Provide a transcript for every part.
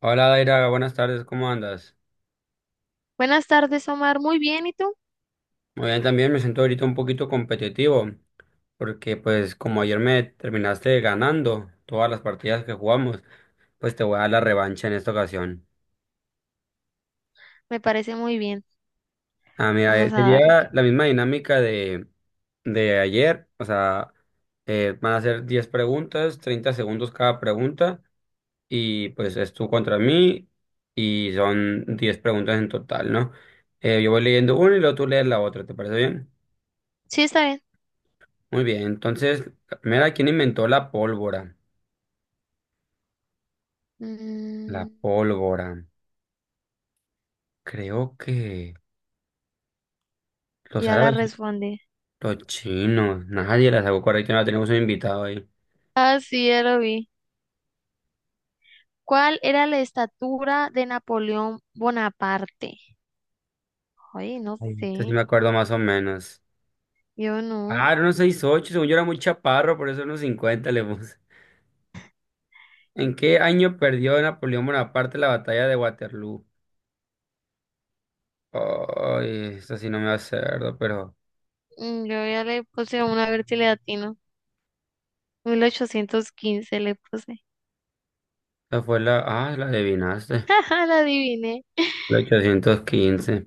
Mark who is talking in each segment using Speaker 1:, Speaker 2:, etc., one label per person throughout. Speaker 1: Hola Daira, buenas tardes, ¿cómo andas?
Speaker 2: Buenas tardes, Omar. Muy bien, ¿y tú?
Speaker 1: Muy bien, también me siento ahorita un poquito competitivo, porque pues como ayer me terminaste ganando todas las partidas que jugamos, pues te voy a dar la revancha en esta ocasión.
Speaker 2: Me parece muy bien.
Speaker 1: Ah, mira,
Speaker 2: Vamos a darle.
Speaker 1: sería la misma dinámica de ayer, o sea, van a ser 10 preguntas, 30 segundos cada pregunta, y pues es tú contra mí, y son 10 preguntas en total, ¿no? Yo voy leyendo una y luego tú lees la otra, ¿te parece bien?
Speaker 2: Sí, está bien.
Speaker 1: Muy bien, entonces, mira, ¿quién inventó la pólvora? La
Speaker 2: Mm,
Speaker 1: pólvora. Creo que los
Speaker 2: ya la
Speaker 1: árabes,
Speaker 2: respondí.
Speaker 1: los chinos. Nadie la sacó correcta, no tenemos un invitado ahí.
Speaker 2: Ah, sí, ya lo vi. ¿Cuál era la estatura de Napoleón Bonaparte? Ay, no
Speaker 1: Ay, esta sí me
Speaker 2: sé.
Speaker 1: acuerdo más o menos.
Speaker 2: Yo no.
Speaker 1: Ah, era unos 6'8", según yo era muy chaparro, por eso unos 50 le puse. ¿En qué año perdió Napoleón Bonaparte la batalla de Waterloo? Ay, esta sí no me acuerdo, pero
Speaker 2: Yo ya le puse una vertilatina. 1815 le puse.
Speaker 1: esta fue la… Ah, la adivinaste.
Speaker 2: Jaja, la adiviné.
Speaker 1: La 815.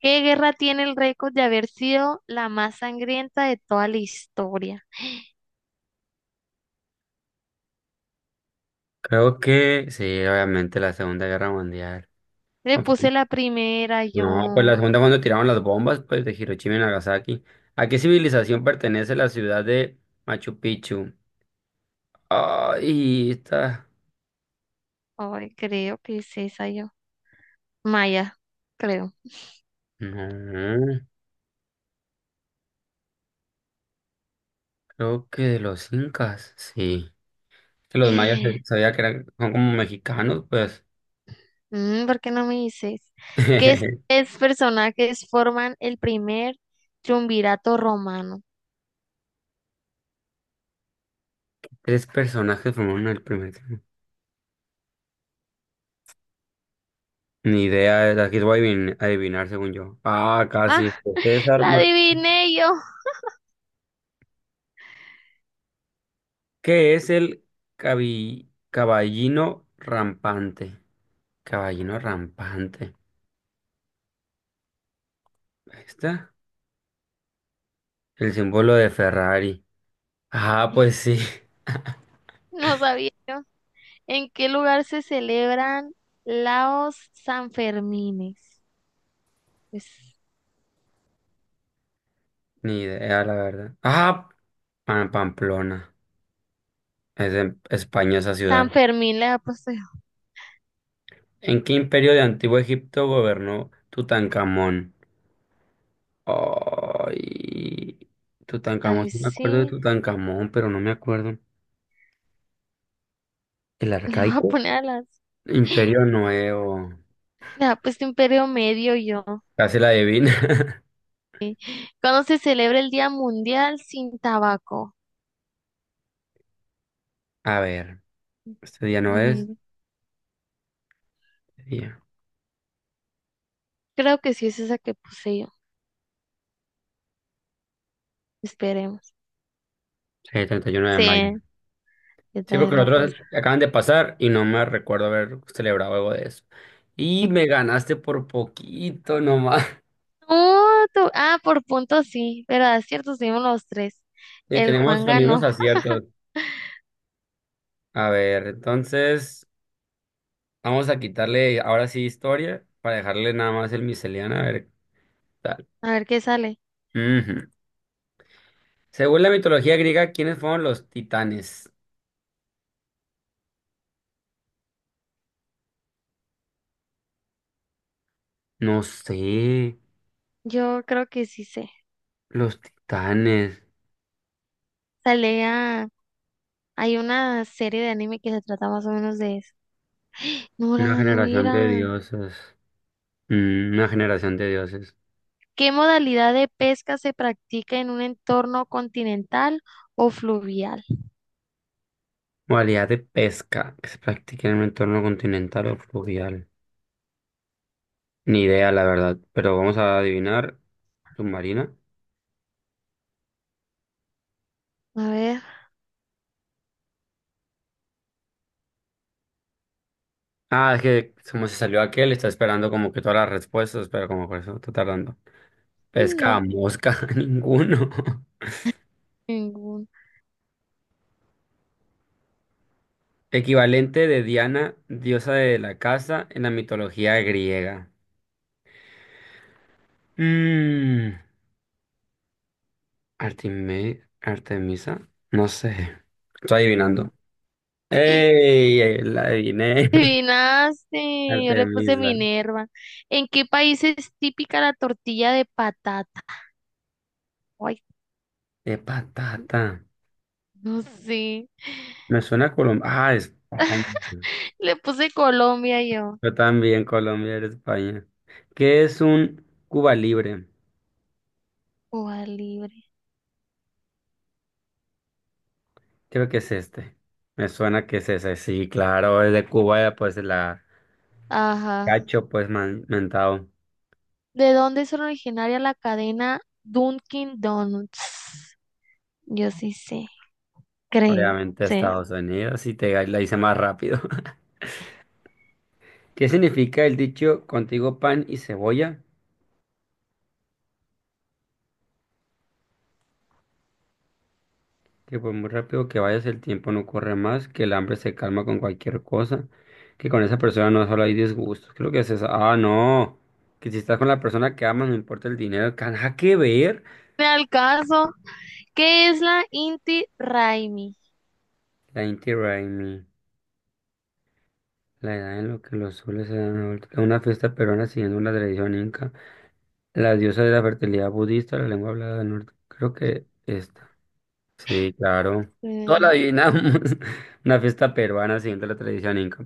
Speaker 2: ¿Qué guerra tiene el récord de haber sido la más sangrienta de toda la historia?
Speaker 1: Creo que sí, obviamente la Segunda Guerra Mundial.
Speaker 2: Le
Speaker 1: Ok.
Speaker 2: puse la primera,
Speaker 1: No, pues las
Speaker 2: yo.
Speaker 1: segunda cuando tiraron las bombas, pues de Hiroshima y Nagasaki. ¿A qué civilización pertenece la ciudad de Machu Picchu? Ay, está.
Speaker 2: Ay, creo que es esa yo. Maya, creo.
Speaker 1: No, creo que de los incas, sí. Que los mayas, sabía que eran, son como mexicanos, pues.
Speaker 2: ¿Por qué no me dices? ¿Qué es, es personajes forman el primer triunvirato romano?
Speaker 1: Tres personajes formaron el primer clan. Ni idea, aquí voy a adivinar según yo. Ah,
Speaker 2: Ah,
Speaker 1: casi. César
Speaker 2: la
Speaker 1: Mar-
Speaker 2: adiviné yo.
Speaker 1: ¿Qué es el caballino rampante? Caballino rampante. Ahí está. El símbolo de Ferrari. Ah, pues sí.
Speaker 2: No sabía yo. ¿En qué lugar se celebran los Sanfermines? Pues,
Speaker 1: Ni idea, la verdad. Ah, Pamplona. Es en España esa
Speaker 2: San
Speaker 1: ciudad.
Speaker 2: Fermín le ha puesto yo.
Speaker 1: ¿En qué imperio de Antiguo Egipto gobernó Tutankamón? Ay. Tutankamón,
Speaker 2: Ay,
Speaker 1: sí me acuerdo de
Speaker 2: sí.
Speaker 1: Tutankamón, pero no me acuerdo. ¿El
Speaker 2: Le voy a
Speaker 1: arcaico?
Speaker 2: poner a las.
Speaker 1: Imperio Nuevo.
Speaker 2: Le ha puesto Imperio Medio yo.
Speaker 1: Casi la adivina.
Speaker 2: ¿Cuándo se celebra el Día Mundial sin Tabaco?
Speaker 1: A ver. Este día no es.
Speaker 2: Mm,
Speaker 1: Este día.
Speaker 2: Creo que sí es esa que puse yo. Esperemos.
Speaker 1: Sí, 31 de mayo.
Speaker 2: Sí, yo
Speaker 1: Sí, porque
Speaker 2: también
Speaker 1: los
Speaker 2: la
Speaker 1: otros
Speaker 2: puse.
Speaker 1: acaban de pasar y no me recuerdo haber celebrado algo de eso. Y me ganaste por poquito nomás.
Speaker 2: No, ah, por puntos sí, verdad es cierto, seguimos los tres.
Speaker 1: Y
Speaker 2: El
Speaker 1: tenemos
Speaker 2: Juan
Speaker 1: los mismos
Speaker 2: ganó.
Speaker 1: aciertos. A ver, entonces vamos a quitarle ahora sí historia para dejarle nada más el miseliano. A ver qué tal.
Speaker 2: A ver qué sale.
Speaker 1: Ujú. Según la mitología griega, ¿quiénes fueron los titanes? No sé.
Speaker 2: Yo creo que sí sé.
Speaker 1: Los titanes.
Speaker 2: Sale a... Hay una serie de anime que se trata más o menos de eso. No
Speaker 1: Una
Speaker 2: era, no
Speaker 1: generación de
Speaker 2: era.
Speaker 1: dioses. Una generación de dioses.
Speaker 2: ¿Qué modalidad de pesca se practica en un entorno continental o fluvial?
Speaker 1: Modalidad de pesca que se practica en un entorno continental o fluvial. Ni idea, la verdad, pero vamos a adivinar. Submarina.
Speaker 2: A ver,
Speaker 1: Ah, es que como se salió aquel, está esperando como que todas las respuestas, pero como por eso está tardando. Pesca a
Speaker 2: No,
Speaker 1: mosca, ninguno.
Speaker 2: ningún.
Speaker 1: Equivalente de Diana, diosa de la casa en la mitología griega. Mmm. Artemisa, no sé. Estoy adivinando. ¡Ey! La adiviné.
Speaker 2: Adivinaste, yo le puse
Speaker 1: Artemisa.
Speaker 2: Minerva. ¿En qué país es típica la tortilla de patata? Ay,
Speaker 1: De patata.
Speaker 2: no sé.
Speaker 1: Me suena a Colombia. Ah, España.
Speaker 2: Le puse Colombia yo.
Speaker 1: Yo también, Colombia era España. ¿Qué es un Cuba Libre?
Speaker 2: Cuba libre.
Speaker 1: Creo que es este. Me suena que es ese. Sí, claro, es de Cuba, pues la
Speaker 2: Ajá.
Speaker 1: cacho, pues mentado.
Speaker 2: ¿De dónde es originaria la cadena Dunkin' Donuts? Yo sí sé, creo.
Speaker 1: Obviamente
Speaker 2: Sí.
Speaker 1: Estados Unidos, y te la hice más rápido. ¿Qué significa el dicho contigo pan y cebolla? Que por muy rápido que vayas, el tiempo no corre más, que el hambre se calma con cualquier cosa, que con esa persona no solo hay disgustos. Creo que es eso. Ah, no. Que si estás con la persona que amas, no importa el dinero, qué nada que ver.
Speaker 2: Me al caso. ¿Qué es la Inti Raimi?
Speaker 1: La Inti Raymi, la edad en lo que los soles se dan la vuelta, que una fiesta peruana siguiendo una tradición inca, la diosa de la fertilidad budista, la lengua hablada del norte. Creo que esta. Sí, claro. Todo lo
Speaker 2: Eh,
Speaker 1: adivinamos. Una fiesta peruana siguiendo la tradición inca.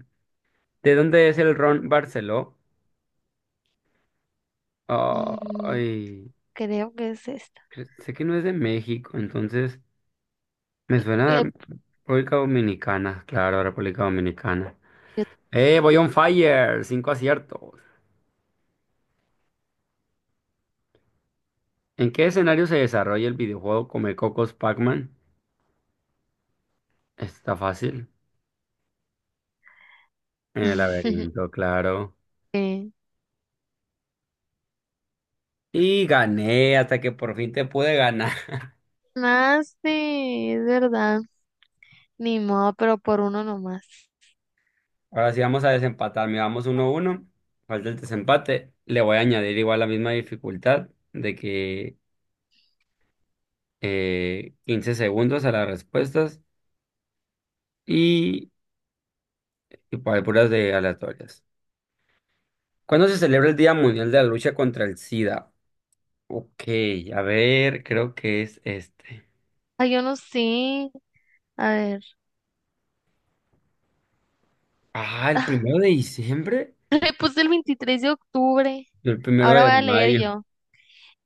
Speaker 1: ¿De dónde es el ron Barceló?
Speaker 2: mm,
Speaker 1: Ay,
Speaker 2: creo que es esta.
Speaker 1: sé que no es de México, entonces me suena a
Speaker 2: Le...
Speaker 1: República Dominicana, claro, República Dominicana. ¡Eh, voy on fire! 5 aciertos. ¿En qué escenario se desarrolla el videojuego Come Cocos Pac-Man? Está fácil. En el laberinto, claro.
Speaker 2: Eh,
Speaker 1: Y gané hasta que por fin te pude ganar.
Speaker 2: Más, sí, es verdad. Ni modo, pero por uno nomás.
Speaker 1: Ahora sí vamos a desempatar. Miramos 1 uno, a uno. Falta el desempate. Le voy a añadir igual la misma dificultad de que 15 segundos a las respuestas y, y para puras de aleatorias. ¿Cuándo se celebra el Día Mundial de la Lucha contra el SIDA? Ok, a ver, creo que es este.
Speaker 2: Ay, yo no sé. A ver.
Speaker 1: Ah, el primero de diciembre.
Speaker 2: Le puse el 23 de octubre.
Speaker 1: Yo el primero
Speaker 2: Ahora voy
Speaker 1: de
Speaker 2: a leer
Speaker 1: mayo.
Speaker 2: yo.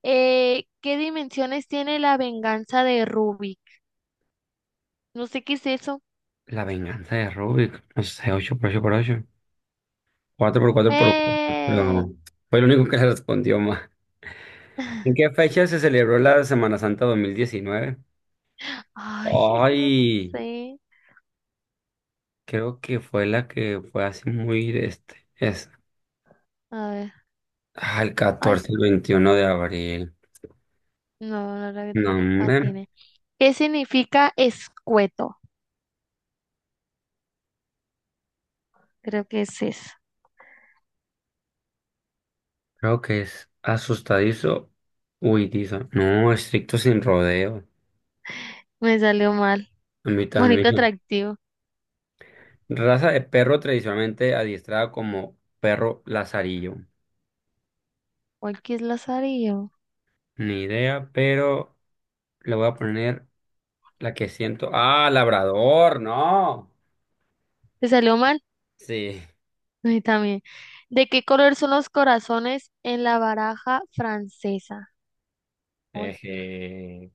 Speaker 2: ¿Qué dimensiones tiene la venganza de Rubik? No sé qué es eso.
Speaker 1: La venganza de Rubik. No sé, 8x8x8. 4x4 por
Speaker 2: ¡Eh!
Speaker 1: 4. Fue el único que le respondió más. ¿En qué fecha se celebró la Semana Santa 2019?
Speaker 2: Ay, no
Speaker 1: Ay,
Speaker 2: sé.
Speaker 1: creo que fue la que fue así muy este. Es,
Speaker 2: A ver.
Speaker 1: ah, el
Speaker 2: Ay,
Speaker 1: 14, el 21 de abril.
Speaker 2: no, no la
Speaker 1: No, hombre,
Speaker 2: atiné. ¿Qué significa escueto? Creo que es eso.
Speaker 1: creo que es asustadizo, huidizo. No, estricto sin rodeo.
Speaker 2: Me salió mal.
Speaker 1: A mí
Speaker 2: Bonito
Speaker 1: también.
Speaker 2: atractivo.
Speaker 1: Raza de perro tradicionalmente adiestrada como perro lazarillo.
Speaker 2: ¿Cuál que es Lazarillo?
Speaker 1: Ni idea, pero le voy a poner la que siento. Ah, labrador, no.
Speaker 2: ¿Te salió mal?
Speaker 1: Sí.
Speaker 2: A mí también. ¿De qué color son los corazones en la baraja francesa? Ay,
Speaker 1: Eje.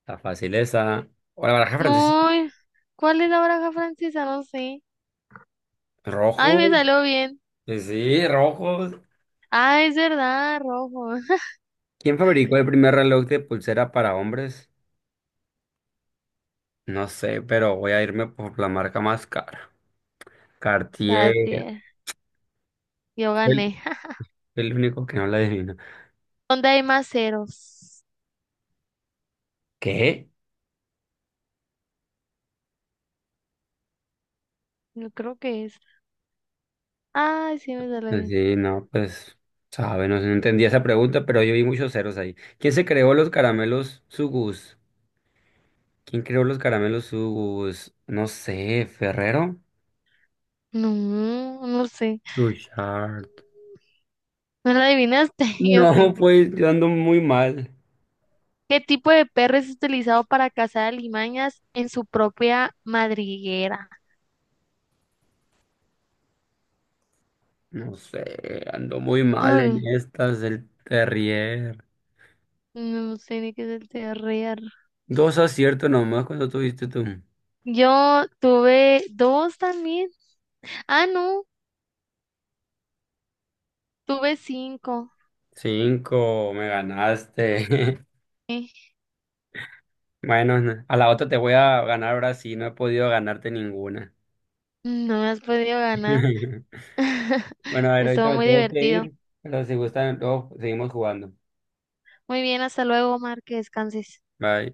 Speaker 1: Está fácil esa. O la baraja francesa.
Speaker 2: no, ¿cuál es la baraja francesa? No sé. Ay, me
Speaker 1: Rojos.
Speaker 2: salió bien.
Speaker 1: Sí, sí, rojos.
Speaker 2: Ah, es verdad, rojo.
Speaker 1: ¿Quién fabricó el primer reloj de pulsera para hombres? No sé, pero voy a irme por la marca más cara.
Speaker 2: La
Speaker 1: Cartier.
Speaker 2: tie- Yo
Speaker 1: Fue el,
Speaker 2: gané.
Speaker 1: fue el único que no la adivino.
Speaker 2: ¿Dónde hay más ceros?
Speaker 1: ¿Qué?
Speaker 2: Yo creo que es. Ay, sí, me salió bien.
Speaker 1: Sí, no, pues, sabe, no, sé, no entendía esa pregunta, pero yo vi muchos ceros ahí. ¿Quién se creó los caramelos Sugus? ¿Quién creó los caramelos Sugus? No sé, ¿Ferrero?
Speaker 2: No, no sé.
Speaker 1: Suchard.
Speaker 2: ¿No la adivinaste? Yo
Speaker 1: No,
Speaker 2: sí.
Speaker 1: pues, yo ando muy mal.
Speaker 2: ¿Qué tipo de perro es utilizado para cazar alimañas en su propia madriguera?
Speaker 1: No sé, ando muy mal en
Speaker 2: Ay,
Speaker 1: estas del Terrier.
Speaker 2: no sé ni qué es el TRR.
Speaker 1: 2 aciertos nomás cuando tuviste tú.
Speaker 2: Yo tuve dos también. Ah, no, tuve cinco.
Speaker 1: Cinco, me ganaste.
Speaker 2: Eh,
Speaker 1: Bueno, a la otra te voy a ganar ahora sí, no he podido ganarte ninguna.
Speaker 2: No me has podido ganar.
Speaker 1: Bueno, a ver, ahorita
Speaker 2: Estuvo
Speaker 1: me
Speaker 2: muy
Speaker 1: tengo que
Speaker 2: divertido.
Speaker 1: ir, pero si gustan, luego seguimos jugando.
Speaker 2: Muy bien, hasta luego, Omar, que descanses.
Speaker 1: Bye.